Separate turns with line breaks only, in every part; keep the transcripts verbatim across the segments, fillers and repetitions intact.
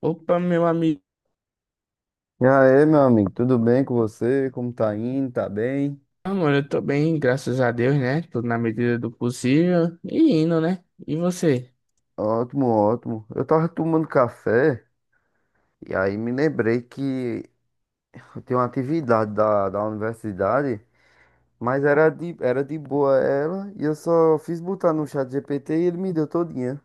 Opa, meu amigo,
E aí, meu amigo, tudo bem com você? Como tá indo? Tá bem?
amor, eu tô bem, graças a Deus, né? Tudo na medida do possível e indo, né? E você?
Ótimo, ótimo. Eu tava tomando café e aí me lembrei que eu tenho uma atividade da, da universidade, mas era de, era de boa ela e eu só fiz botar no chat G P T e ele me deu todinha.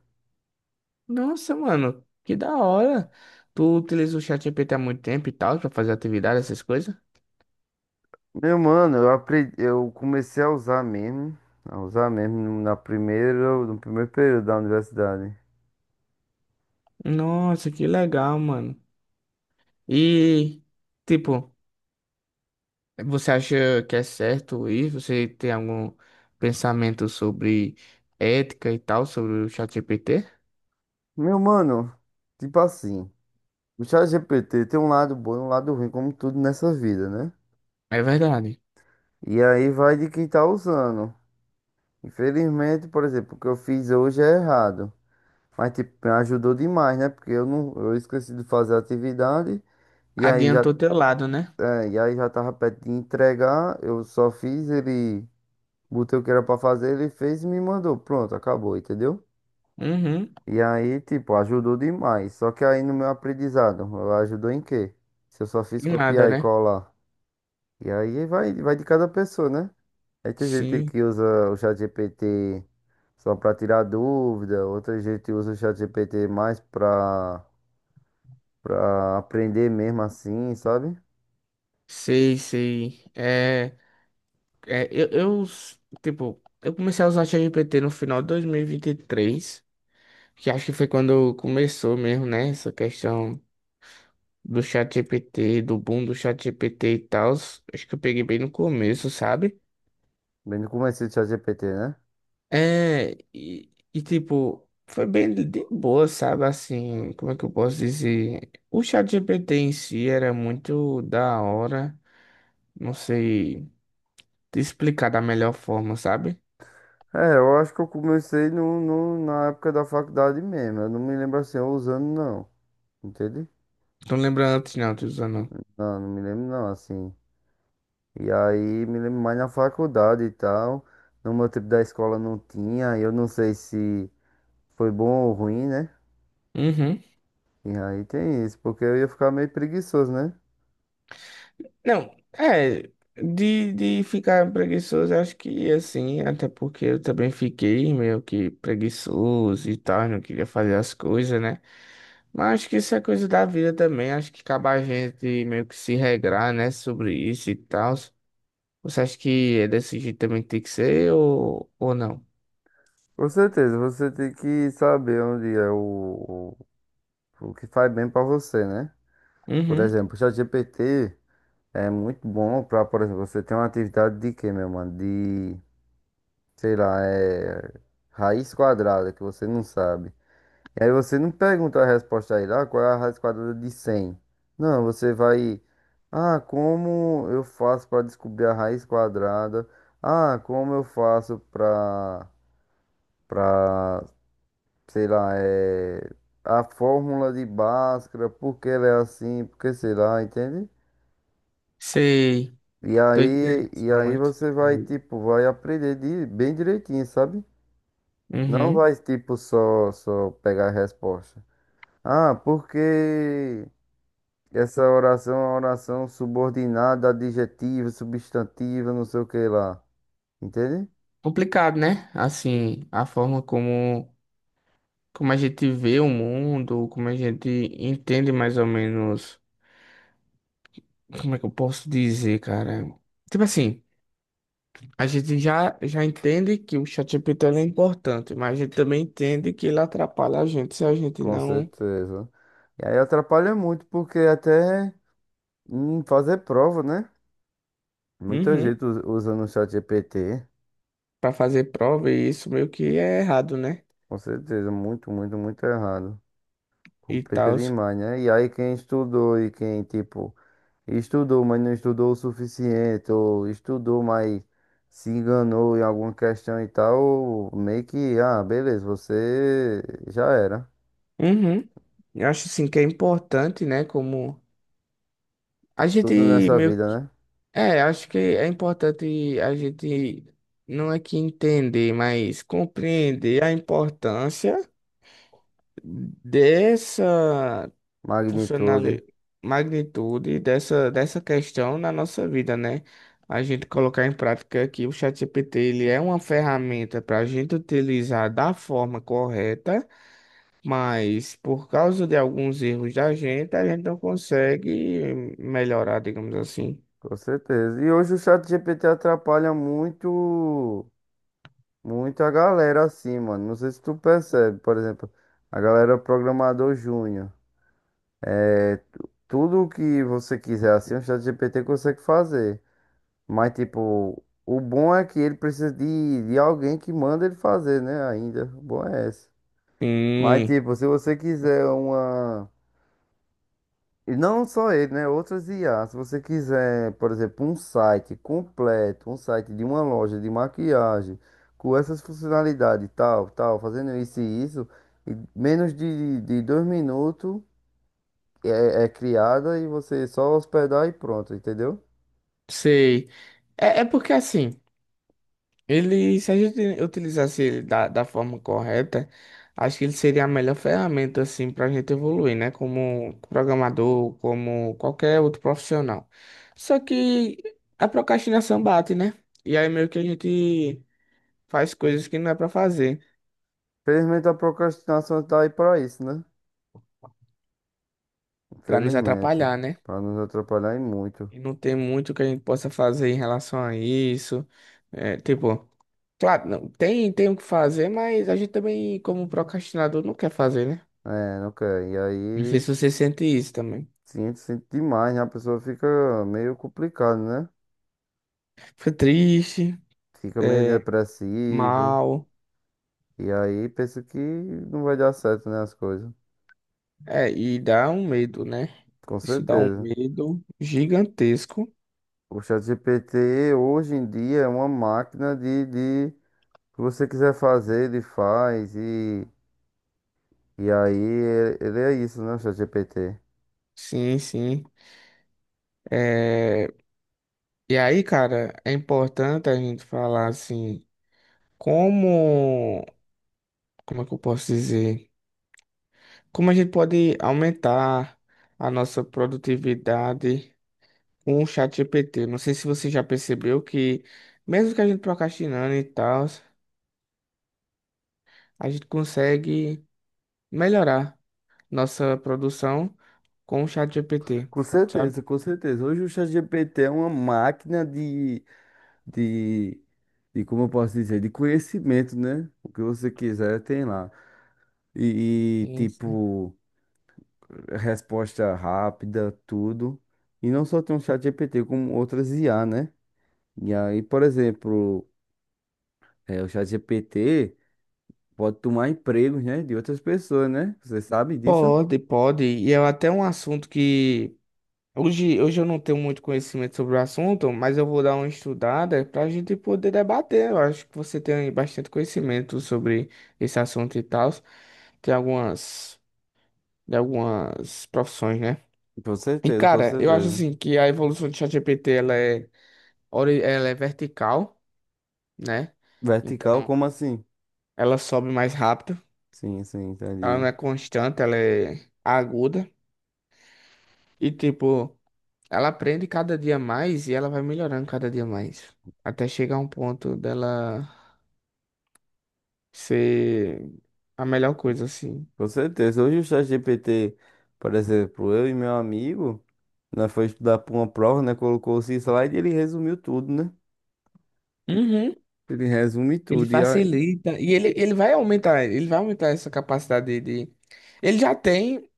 Nossa, mano, que da hora. Tu utiliza o ChatGPT há muito tempo e tal, pra fazer atividade, essas coisas?
Meu mano, eu aprendi, eu comecei a usar mesmo, a usar mesmo no- na primeira, no primeiro período da universidade.
Nossa, que legal, mano. E, tipo, Você acha que é certo isso? Você tem algum pensamento sobre ética e tal, sobre o ChatGPT?
Meu mano, tipo assim, o chat G P T tem um lado bom e um lado ruim, como tudo nessa vida, né?
É verdade.
E aí vai de quem tá usando. Infelizmente, por exemplo, o que eu fiz hoje é errado. Mas tipo, me ajudou demais, né? Porque eu não, eu esqueci de fazer a atividade e aí já,
Adiantou teu lado, né?
é, e aí já tava perto de entregar, eu só fiz ele, botei o que era pra fazer, ele fez e me mandou. Pronto, acabou, entendeu?
Uhum.
E aí, tipo, ajudou demais. Só que aí no meu aprendizado, ajudou em quê? Se eu só fiz
E nada,
copiar e
né?
colar. E aí vai, vai de cada pessoa, né? Aí tem gente
Sim.
que usa o ChatGPT só para tirar dúvida, outra gente usa o ChatGPT mais para para aprender mesmo assim, sabe?
Sei, sei. É, é eu, eu, s- tipo, eu comecei a usar ChatGPT no final de dois mil e vinte e três, que acho que foi quando começou mesmo, né, essa questão do ChatGPT, do boom do ChatGPT e tal. Acho que eu peguei bem no começo, sabe?
Bem no começo do ChatGPT, né?
É, e, e tipo, foi bem de de boa, sabe? Assim, como é que eu posso dizer? O ChatGPT em si era muito da hora, não sei te explicar da melhor forma, sabe?
É, eu acho que eu comecei no, no- na época da faculdade mesmo. Eu não me lembro assim, eu usando não, entende?
Não lembro antes, não, tô usando.
Não, não me lembro não, assim. E aí me lembro mais na faculdade e tal. No meu tempo da escola não tinha, eu não sei se foi bom ou ruim, né?
Uhum.
E aí tem isso, porque eu ia ficar meio preguiçoso, né?
Não, é. De, de ficar preguiçoso, acho que assim, até porque eu também fiquei meio que preguiçoso e tal, não queria fazer as coisas, né? Mas acho que isso é coisa da vida também, acho que acaba a gente meio que se regrar, né, sobre isso e tal. Você acha que é desse jeito também que tem que ser ou, ou não?
Com certeza, você tem que saber onde é o, o, o que faz bem pra você, né? Por
Uhum.
exemplo, o ChatGPT é muito bom pra, por exemplo, você tem uma atividade de quê, meu mano? De, sei lá, é raiz quadrada, que você não sabe. E aí você não pergunta a resposta aí lá, qual é a raiz quadrada de cem. Não, você vai, ah, como eu faço pra descobrir a raiz quadrada? Ah, como eu faço pra pra, sei lá, é, a fórmula de Bhaskara, por que ela é assim, porque que sei lá, entende?
Sei,
E
tô entendendo
aí,
esse
e aí
momento.
você vai, tipo, vai aprender de, bem direitinho, sabe? Não
Uhum.
vai, tipo, só, só pegar a resposta. Ah, porque essa oração é uma oração subordinada, adjetiva, substantiva, não sei o que lá. Entende?
Complicado, né? Assim, a forma como. Como a gente vê o mundo, como a gente entende mais ou menos, como é que eu posso dizer, cara? Tipo assim, a gente já, já entende que o ChatGPT ele é importante, mas a gente também entende que ele atrapalha a gente se a gente
Com
não,
certeza. E aí atrapalha muito, porque até em fazer prova, né? Muita
uhum,
gente us- usando o chat G P T,
para fazer prova e isso meio que é errado, né?
com certeza, muito, muito, muito errado.
E
Complica
tal.
demais, né? E aí quem estudou e quem, tipo, estudou, mas não estudou o suficiente, ou estudou, mas se enganou em alguma questão e tal, meio que, ah, beleza, você já era.
Uhum. Eu acho assim que é importante, né, como a gente
Tudo nessa
meio.
vida, né?
É, acho que é importante a gente não é que entender, mas compreender a importância dessa
Magnitude,
funcionalidade, magnitude dessa, dessa questão na nossa vida, né? A gente colocar em prática que o ChatGPT ele é uma ferramenta para a gente utilizar da forma correta, mas por causa de alguns erros da gente, a gente não consegue melhorar, digamos assim.
com certeza. E hoje o chat G P T atrapalha muito. Muita galera assim, mano. Não sei se tu percebe, por exemplo, a galera programador júnior. É, tu- tudo que você quiser assim, o ChatGPT consegue fazer. Mas, tipo, o bom é que ele precisa de, de alguém que manda ele fazer, né? Ainda. O bom é esse. Mas,
Sim.
tipo, se você quiser uma. E não só ele, né? Outras I A. Se você quiser, por exemplo, um site completo, um site de uma loja de maquiagem, com essas funcionalidades, tal, tal, fazendo isso e isso, em menos de, de dois minutos é, é criada e você só hospedar e pronto, entendeu?
Sei. É, é porque assim, ele, se a gente utilizasse ele da, da forma correta, acho que ele seria a melhor ferramenta assim para a gente evoluir, né? Como programador, como qualquer outro profissional. Só que a procrastinação bate, né? E aí meio que a gente faz coisas que não é para fazer,
Infelizmente a procrastinação tá aí pra isso, né?
para nos
Infelizmente.
atrapalhar, né?
Pra nos atrapalhar e muito.
E não tem muito que a gente possa fazer em relação a isso. É, tipo. Claro, não, tem, tem o que fazer, mas a gente também, como procrastinador, não quer fazer, né?
É, não quer. E
Não sei
aí,
se você sente isso também.
sinto, sinto demais, né? A pessoa fica meio complicada, né?
Fica triste,
Fica meio
é,
depressivo.
mal,
E aí penso que não vai dar certo, né, as coisas.
é, e dá um medo, né?
Com
Isso dá um
certeza.
medo gigantesco.
O ChatGPT hoje em dia é uma máquina de, de o que você quiser fazer, ele faz. E, e aí ele, ele é isso, né, o ChatGPT.
Sim, sim. É, e aí, cara, é importante a gente falar assim, como, como é que eu posso dizer? Como a gente pode aumentar a nossa produtividade com o chat ChatGPT. Não sei se você já percebeu que, mesmo que a gente procrastinando e tal, a gente consegue melhorar nossa produção com o ChatGPT,
Com
sabe?
certeza, com certeza. Hoje o ChatGPT é uma máquina de, de, de, como eu posso dizer, de conhecimento, né? O que você quiser tem lá. E, e,
Sim, sim.
tipo, resposta rápida, tudo. E não só tem o ChatGPT, como outras I A, né? E aí, por exemplo, é, o ChatGPT pode tomar empregos, né, de outras pessoas, né? Você sabe disso?
Pode, pode. E é até um assunto que hoje, hoje eu não tenho muito conhecimento sobre o assunto, mas eu vou dar uma estudada para a gente poder debater. Eu acho que você tem bastante conhecimento sobre esse assunto e tal. Tem algumas, de algumas profissões, né?
Com
E,
certeza, com
cara, eu acho
certeza.
assim que a evolução do ChatGPT ela é, ori- ela é vertical, né?
Vertical,
Então,
como assim?
ela sobe mais rápido,
Sim, sim,
ela não
entendi.
é constante, ela é aguda. E, tipo, ela aprende cada dia mais e ela vai melhorando cada dia mais. Até chegar a um ponto dela ser a melhor coisa, assim.
Com certeza. Hoje o ChatGPT, por exemplo, eu e meu amigo, nós foi estudar para uma prova, né? Colocou esse slide e ele resumiu tudo, né?
Uhum.
Ele resume
Ele
tudo. E aí,
facilita. E ele, ele vai aumentar, ele vai aumentar essa capacidade de. de- Ele já tem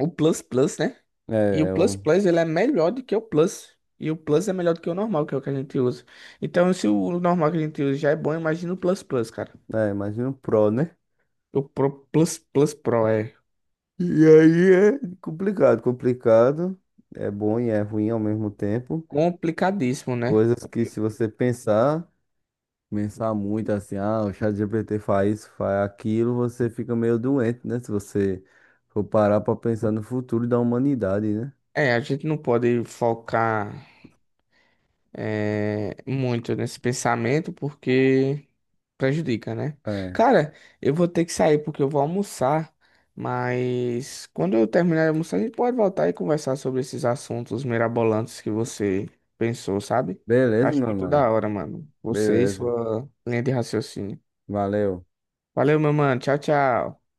o Plus Plus, né?
é,
E o
é,
Plus
o-
Plus, ele é melhor do que o Plus. E o Plus é melhor do que o normal, que é o que a gente usa. Então, se o normal que a gente usa já é bom, imagina o Plus Plus, cara.
é, imagina o pro, né?
O Pro- Plus Plus Pro é
E aí é complicado, complicado. É bom e é ruim ao mesmo tempo.
complicadíssimo, né?
Coisas que se você pensar, pensar muito assim, ah, o ChatGPT faz isso, faz aquilo, você fica meio doente, né? Se você for parar pra pensar no futuro da humanidade, né?
É, a gente não pode focar é, muito nesse pensamento porque prejudica, né?
É.
Cara, eu vou ter que sair porque eu vou almoçar, mas quando eu terminar de almoçar, a gente pode voltar e conversar sobre esses assuntos mirabolantes que você pensou, sabe?
Beleza,
Acho
meu
muito
mano.
da hora, mano. Você e
Beleza.
sua linha de raciocínio.
Valeu.
Valeu, meu mano. Tchau, tchau.